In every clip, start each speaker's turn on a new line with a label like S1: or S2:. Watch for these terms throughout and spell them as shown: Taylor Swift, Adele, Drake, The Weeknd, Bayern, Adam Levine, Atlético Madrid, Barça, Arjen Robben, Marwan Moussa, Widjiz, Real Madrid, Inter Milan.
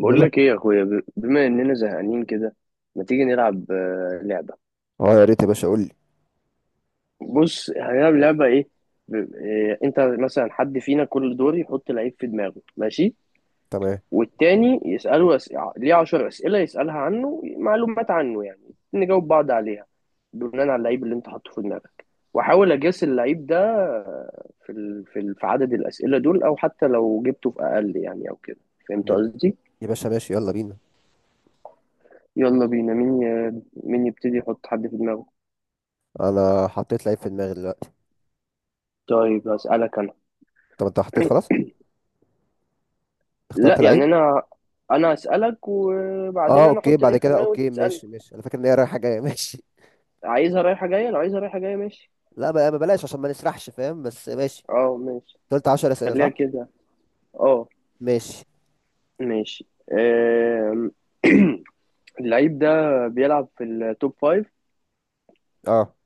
S1: بقول لك.
S2: لك ايه يا اخويا بما اننا زهقانين كده. ما تيجي نلعب لعبه.
S1: اه، يا ريت يا باشا قول لي.
S2: بص هنلعب لعبه ايه. انت مثلا حد فينا كل دور يحط لعيب في دماغه، ماشي.
S1: تمام
S2: والتاني يساله ليه 10 اسئله، يسالها عنه، معلومات عنه يعني. نجاوب بعض عليها بناء على اللعيب اللي انت حاطه في دماغك، واحاول اجاس اللعيب ده. في عدد الاسئله دول او حتى لو جبته في اقل يعني او كده. فهمت
S1: يا
S2: قصدي.
S1: يا باشا، ماشي، يلا بينا.
S2: يلا بينا مين مين يبتدي يحط حد في دماغه.
S1: انا حطيت لعيب في دماغي دلوقتي.
S2: طيب هسألك أنا.
S1: طب انت حطيت؟ خلاص
S2: لا
S1: اخترت لعيب.
S2: يعني أنا هسألك
S1: اه
S2: وبعدين أنا
S1: اوكي،
S2: أحط
S1: بعد
S2: العيب في
S1: كده
S2: دماغي وأنت
S1: اوكي،
S2: تسألني.
S1: ماشي ماشي، انا فاكر ان هي رايحه جايه ماشي.
S2: عايزها رايحة جاية؟ لو عايزها رايحة جاية ماشي.
S1: لا بقى، ما بلاش عشان ما نسرحش، فاهم؟ بس ماشي.
S2: أه ماشي.
S1: أنت قلت 10 اسئله
S2: خليها
S1: صح؟
S2: كده. أه.
S1: ماشي.
S2: ماشي. اللعيب ده بيلعب في التوب فايف.
S1: اه.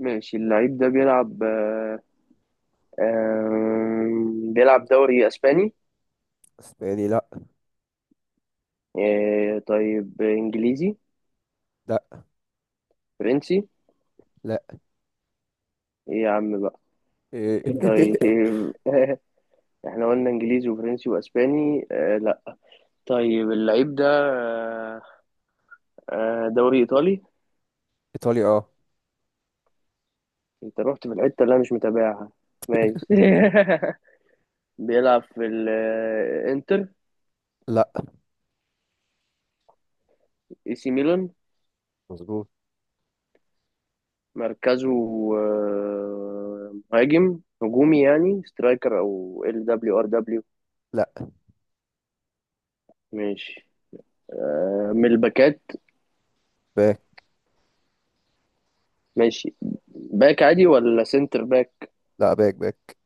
S2: ماشي، اللعيب ده بيلعب آه، آم، بيلعب دوري أسباني.
S1: اسباني لا.
S2: طيب إنجليزي؟
S1: لا.
S2: فرنسي؟
S1: لا.
S2: إيه يا عم بقى؟
S1: إيه.
S2: طيب إيه، احنا قلنا انجليزي وفرنسي واسباني، لا. طيب اللعيب ده دوري ايطالي.
S1: ايطالي اه.
S2: انت رحت في الحته اللي انا مش متابعها. ماشي. بيلعب في الانتر؟
S1: لا.
S2: اي سي ميلان.
S1: مظبوط.
S2: مركزه مهاجم هجومي يعني سترايكر او ال دبليو ار دبليو؟
S1: لا
S2: ماشي. من الباكات.
S1: باك.
S2: ماشي. باك عادي ولا سنتر باك؟
S1: لا، باك باك.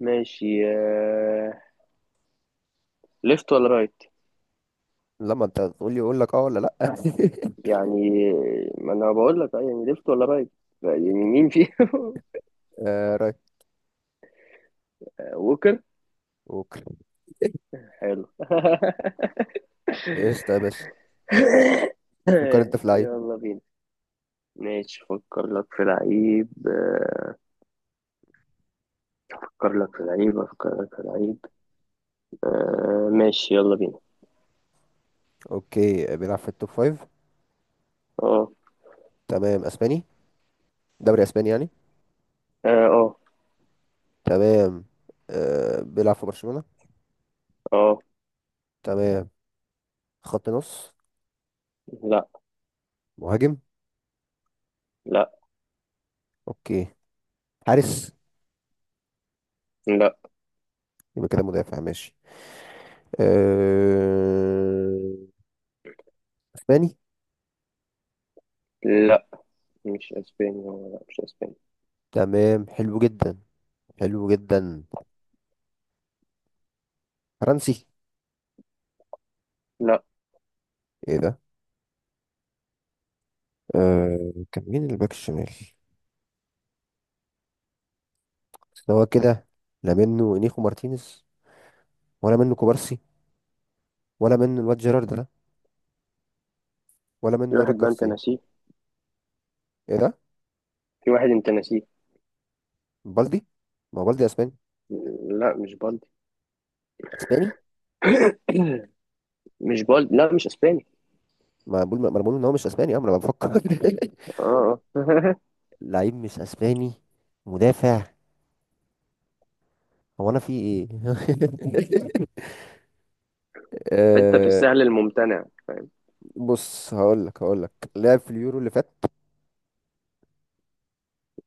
S2: ماشي. آه، ليفت ولا رايت؟
S1: لما انت تقول لي اقول لك اه ولا لا.
S2: يعني، ما انا بقول لك، يعني ليفت ولا رايت، يعني مين فيهم.
S1: آه رايت.
S2: ووكر.
S1: اوكي.
S2: حلو.
S1: ايش ده يا باشا؟ فكر انت في لعيب.
S2: يلا بينا. ماشي فكر لك في لعيب. افكر لك في لعيب. ماشي يلا بينا.
S1: اوكي، بيلعب في التوب فايف.
S2: اه
S1: تمام. اسباني؟ دوري اسباني يعني.
S2: اه اه.
S1: تمام. آه، بيلعب في برشلونة.
S2: آه.
S1: تمام. خط نص؟
S2: لا
S1: مهاجم؟
S2: لا
S1: اوكي، حارس؟
S2: لا
S1: يبقى كده مدافع، ماشي. آه، اسباني؟
S2: لا مش اسباني هو، لا مش اسباني.
S1: تمام، حلو جدا، حلو جدا. فرنسي؟
S2: لا،
S1: ايه ده! آه، كان مين الباك الشمال؟ بس هو كده. لا، منه نيخو مارتينيز، ولا منه كوبارسي، ولا منه الواد جيرارد ده، ولا
S2: في
S1: منه
S2: واحد
S1: ايريك
S2: بقى انت
S1: جارسيا.
S2: ناسيه.
S1: ايه ده؟
S2: في واحد انت ناسيه.
S1: بالدي. ما هو بالدي اسباني.
S2: لا مش بالدي.
S1: اسباني.
S2: مش بالدي، لا مش اسباني.
S1: ما بقول، ما انا بقول ان هو مش اسباني، اه، ما انا بفكر.
S2: اه اه.
S1: لعيب مش اسباني، مدافع، هو انا في ايه؟
S2: حتة في
S1: آه،
S2: السهل الممتنع.
S1: بص، هقول لك لعب في اليورو اللي فات.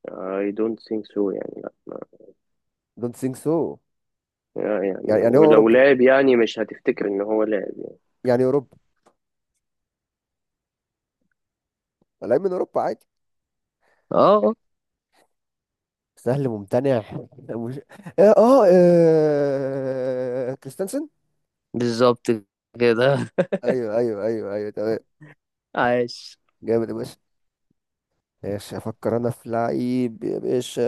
S2: I don't think so يعني.
S1: دونت ثينك سو
S2: يعني
S1: يعني. يعني هو
S2: ولو
S1: اوروبي،
S2: لعب يعني مش هتفتكر ان هو لعب يعني.
S1: يعني اوروبي، لعيب من اوروبا عادي.
S2: اه
S1: سهل ممتنع. مش... اه اه، كريستنسن.
S2: بالظبط كده.
S1: ايوه ايوه ايوه ايوه، تمام.
S2: عاش.
S1: جامد يا باشا. ماشي، افكر انا في لعيب يا باشا.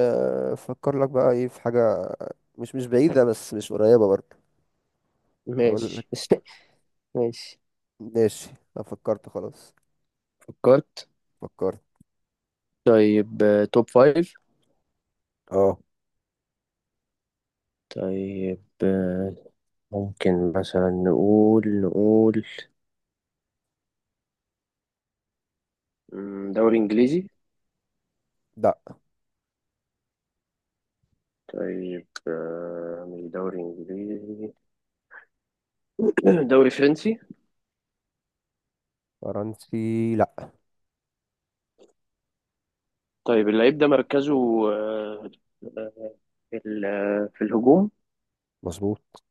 S1: افكر لك بقى، ايه في حاجه؟ مش بعيده، بس مش قريبه برضه. هقول لك.
S2: ماشي ماشي.
S1: ماشي. انا فكرت خلاص.
S2: فكرت.
S1: فكرت.
S2: طيب توب فايف.
S1: اه.
S2: طيب ممكن مثلا نقول دوري إنجليزي.
S1: لا.
S2: طيب مش دوري إنجليزي. دوري فرنسي.
S1: فرنسي لا.
S2: طيب اللعيب ده مركزه آه، في ال- آه، في الهجوم.
S1: مظبوط.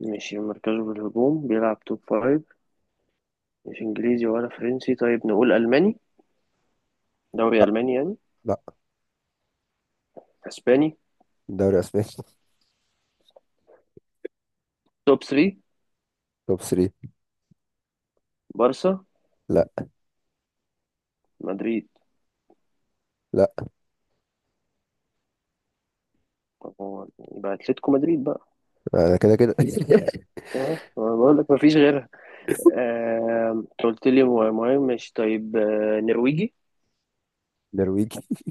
S2: ماشي مركزه في الهجوم، بيلعب توب فايف، مش إنجليزي ولا فرنسي. طيب نقول ألماني، دوري
S1: لا.
S2: ألماني يعني.
S1: لا.
S2: أسباني.
S1: دوري اسباني.
S2: توب 3.
S1: توب 3.
S2: بارسا.
S1: لا.
S2: مدريد.
S1: لا،
S2: طب هو، يبقى اتلتيكو مدريد بقى.
S1: انا كده كده.
S2: اه أنا بقول لك مفيش غيرها. انت قلت لي مهم، مش طيب نرويجي.
S1: نرويجي.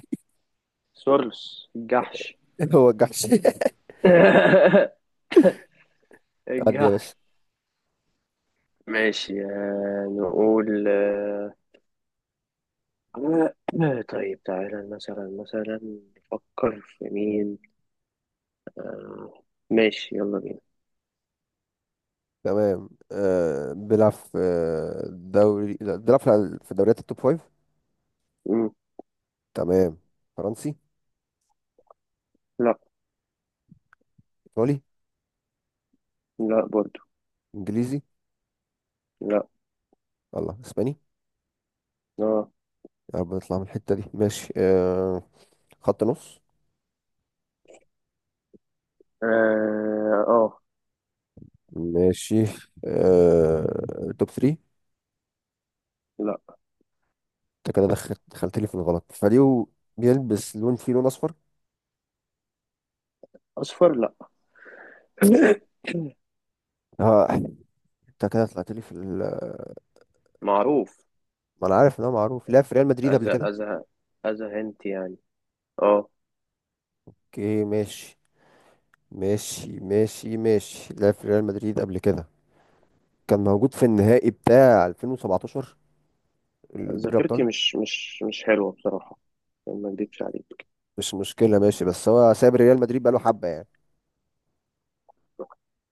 S2: سوارلوس الجحش.
S1: هو الجحش. عدي يا
S2: الجحش.
S1: باشا.
S2: ماشي آه، نقول آه، آه، طيب تعالى مثلا، مثلا نفكر في مين. آه، ماشي يلا بينا.
S1: تمام. آه بيلعب في آه، دوري لا، بيلعب في دوريات التوب 5.
S2: مم،
S1: تمام. فرنسي؟
S2: لا.
S1: ايطالي؟
S2: لا برضو.
S1: انجليزي؟
S2: لا.
S1: الله، اسباني.
S2: اه
S1: يا رب نطلع من الحتة دي، ماشي آه. خط نص؟
S2: اه. آه،
S1: ماشي. آه، توب 3؟
S2: لا.
S1: انت كده دخلت لي في الغلط، فريو. بيلبس لون، فيه لون اصفر.
S2: اصفر لا.
S1: اه، انت كده طلعت لي في ال...
S2: معروف.
S1: ما انا عارف ان هو معروف، لعب في ريال مدريد قبل
S2: أذى
S1: كده.
S2: أذى. أذى هنت يعني. اه.
S1: اوكي، ماشي ماشي ماشي ماشي، لعب في ريال مدريد قبل كده، كان موجود في النهائي بتاع 2017، دوري الابطال.
S2: ذاكرتي مش حلوة بصراحة، يعني ما اكدبش عليك.
S1: مش مشكله، ماشي، بس هو ساب ريال مدريد بقاله حبه يعني.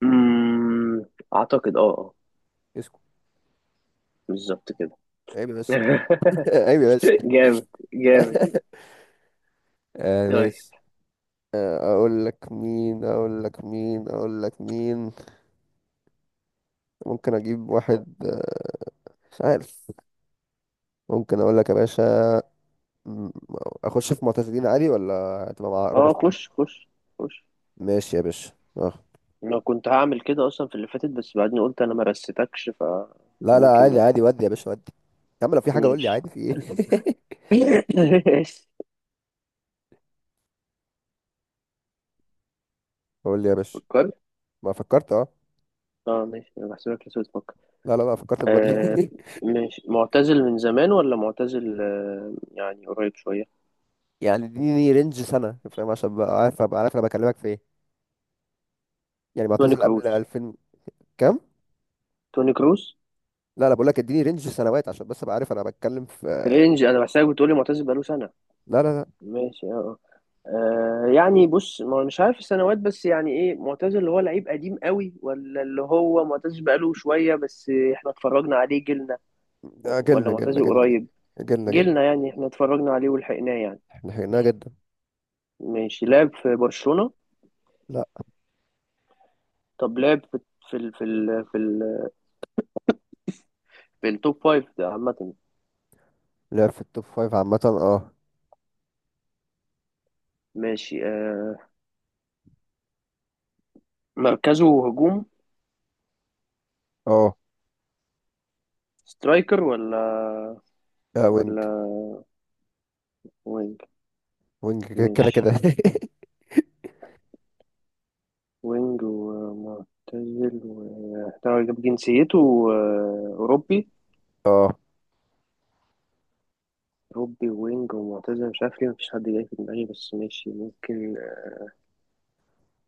S2: أمم، أعتقد اه اه.
S1: اسكت!
S2: بالظبط كده.
S1: عيب بس. عيب بس.
S2: جامد جامد.
S1: آه
S2: طيب.
S1: ماشي. آه، اقول لك مين، اقول لك مين، اقول لك مين. ممكن اجيب واحد، آه، مش عارف، ممكن اقول لك يا باشا. م- اخش في معتزلين عادي ولا هتبقى معقربه
S2: اه خش
S1: شويه؟
S2: خش.
S1: ماشي يا باشا. اه.
S2: انا كنت هعمل كده اصلا في اللي فاتت، بس بعدين قلت انا ما رستكش
S1: لا لا،
S2: فممكن
S1: عادي
S2: ما
S1: عادي، ودي يا باشا ودي. يا عم، لو في حاجه قول لي،
S2: ماشي.
S1: عادي، في ايه؟
S2: ماشي.
S1: قول لي يا باشا.
S2: فكرت.
S1: ما فكرت، اه.
S2: اه ماشي، انا بحسبك لسه بتفكر.
S1: لا لا لا، فكرت من بدري.
S2: آه. مش معتزل من زمان، ولا معتزل آه يعني قريب شوية؟
S1: يعني اديني رينج سنه، فاهم؟ عشان بقى عارف، ابقى عارف انا بكلمك في ايه. يعني
S2: توني
S1: معتزل قبل
S2: كروس.
S1: 2000؟ كام؟
S2: توني كروس.
S1: لا لا، بقول لك اديني رينج سنوات عشان بس ابقى عارف انا بتكلم في.
S2: رينج، انا بحسك بتقولي معتزل بقاله سنة.
S1: لا لا
S2: ماشي اه. آه، يعني بص، ما مش عارف السنوات، بس يعني ايه معتزل؟ اللي هو لعيب قديم قوي، ولا اللي هو معتزل بقاله شوية بس احنا اتفرجنا عليه جيلنا؟
S1: لا،
S2: ولا
S1: اجلنا اجلنا
S2: معتزل
S1: اجلنا
S2: قريب؟
S1: اجلنا اجلنا اجلنا.
S2: جيلنا يعني، احنا اتفرجنا عليه ولحقناه يعني.
S1: احنا حيناها جدا.
S2: ماشي. لعب في برشلونة؟
S1: لا.
S2: طب لعب في، في ال في التوب فايف ده عامة.
S1: لعب في التوب فايف عامه اه.
S2: ماشي آه. مركزه هجوم.
S1: اه.
S2: سترايكر ولا،
S1: آه وينج.
S2: ولا وينج.
S1: وينج كده كده
S2: ماشي،
S1: كده.
S2: وينج ومعتزل و جاب جنسيته أوروبي.
S1: اه.
S2: أوروبي وينج ومعتزل، مش عارف ليه مفيش حد جاي في دماغي، بس ماشي ممكن.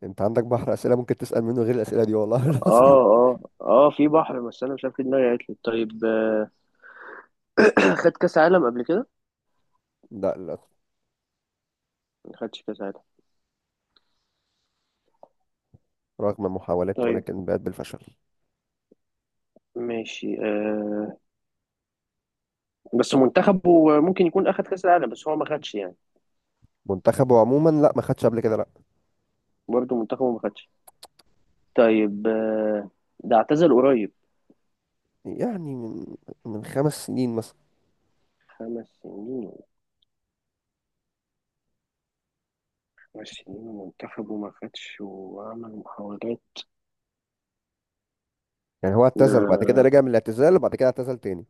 S1: انت عندك بحر اسئله ممكن تسال منه غير الاسئله دي، والله
S2: اه
S1: العظيم.
S2: اه اه، في بحر، بس أنا مش عارف ليه دماغي قالت لي. طيب خد كأس عالم قبل كده؟
S1: لا لا.
S2: ما خدش كأس عالم.
S1: رغم المحاولات
S2: طيب.
S1: ولكن بات بالفشل.
S2: ماشي آه. بس منتخبه ممكن يكون أخد كأس العالم، بس هو ما خدش يعني.
S1: منتخبه عموما لا، ما خدش قبل كده لا.
S2: برضه منتخبه ما خدش. طيب آه. ده اعتزل قريب.
S1: يعني من 5 سنين مثلا.
S2: خمس سنين. خمس سنين، ومنتخبه ما خدش، وعمل محاولات.
S1: يعني هو اعتزل، بعد
S2: ده
S1: كده رجع من الاعتزال، وبعد كده اعتزل تاني.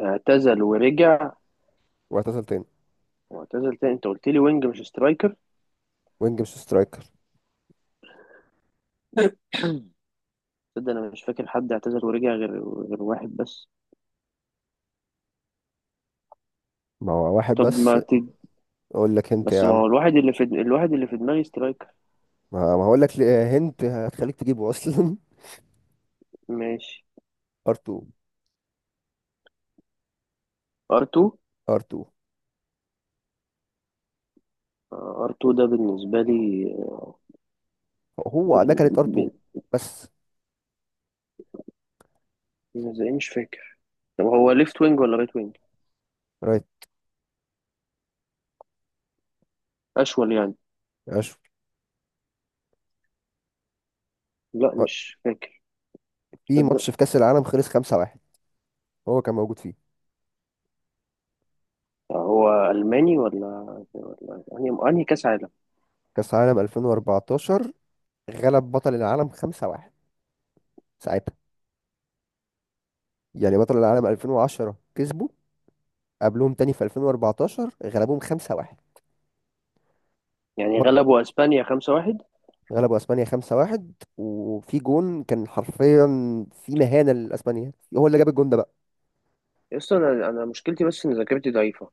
S2: اعتزل ورجع
S1: واعتزل تاني.
S2: واعتزل تاني. انت قلت لي وينج مش سترايكر.
S1: وينج مش سترايكر.
S2: تصدق انا مش فاكر حد اعتزل ورجع غير، غير واحد بس.
S1: ما هو واحد
S2: طب
S1: بس.
S2: ما
S1: اقول لك هنت يا
S2: بس ما
S1: عم.
S2: هو الواحد اللي في، الواحد اللي في دماغي سترايكر.
S1: ما هقول لك هنت هتخليك تجيبه اصلا.
S2: ماشي.
S1: ار 2.
S2: ار2.
S1: ار 2.
S2: ار2 ده بالنسبة لي ب-
S1: هو انا كانت ار 2
S2: ب-
S1: بس.
S2: زي مش فاكر. طب هو ليفت وينج ولا رايت وينج؟
S1: رايت.
S2: اشول يعني.
S1: اشوف.
S2: لا مش فاكر.
S1: في ماتش
S2: تصدق.
S1: في كأس العالم خلص 5-1 هو كان موجود فيه.
S2: هو الماني ولا، ولا انهي كاس عالم؟
S1: كأس العالم 2014، غلب بطل العالم 5-1 ساعتها. يعني بطل العالم 2010 كسبوا، قبلهم تاني في 2014 غلبوهم 5-1.
S2: يعني
S1: وج-
S2: غلبوا اسبانيا 5-1.
S1: غلبوا اسبانيا 5-1، وفي جون كان حرفيا في مهانة لاسبانيا، هو اللي جاب الجون ده بقى.
S2: يسطا انا، انا مشكلتي بس ان ذاكرتي ضعيفة.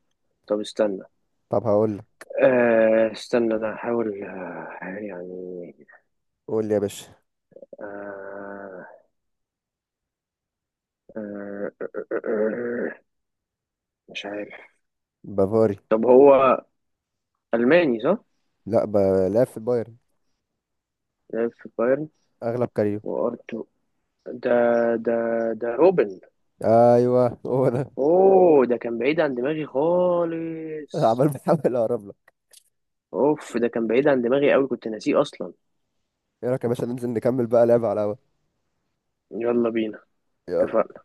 S2: طب استنى.
S1: طب هقول لك.
S2: آه استنى، انا هحاول آه يعني.
S1: قول لي يا باشا.
S2: آه آه آه آه، آه، آه، مش عارف.
S1: بافاري.
S2: طب هو الماني صح؟
S1: لا، لعب في البايرن
S2: لعب في بايرن.
S1: اغلب كاريو.
S2: وارتو. ده، ده، ده روبن.
S1: ايوه هو ده.
S2: اوه ده كان بعيد عن دماغي
S1: عمال
S2: خالص.
S1: بحاول اقرب لك.
S2: اوف ده كان بعيد عن دماغي قوي، كنت ناسيه اصلا.
S1: ايه رايك يا باشا، ننزل نكمل بقى لعب على القهوة؟
S2: يلا بينا.
S1: يلا.
S2: اتفقنا.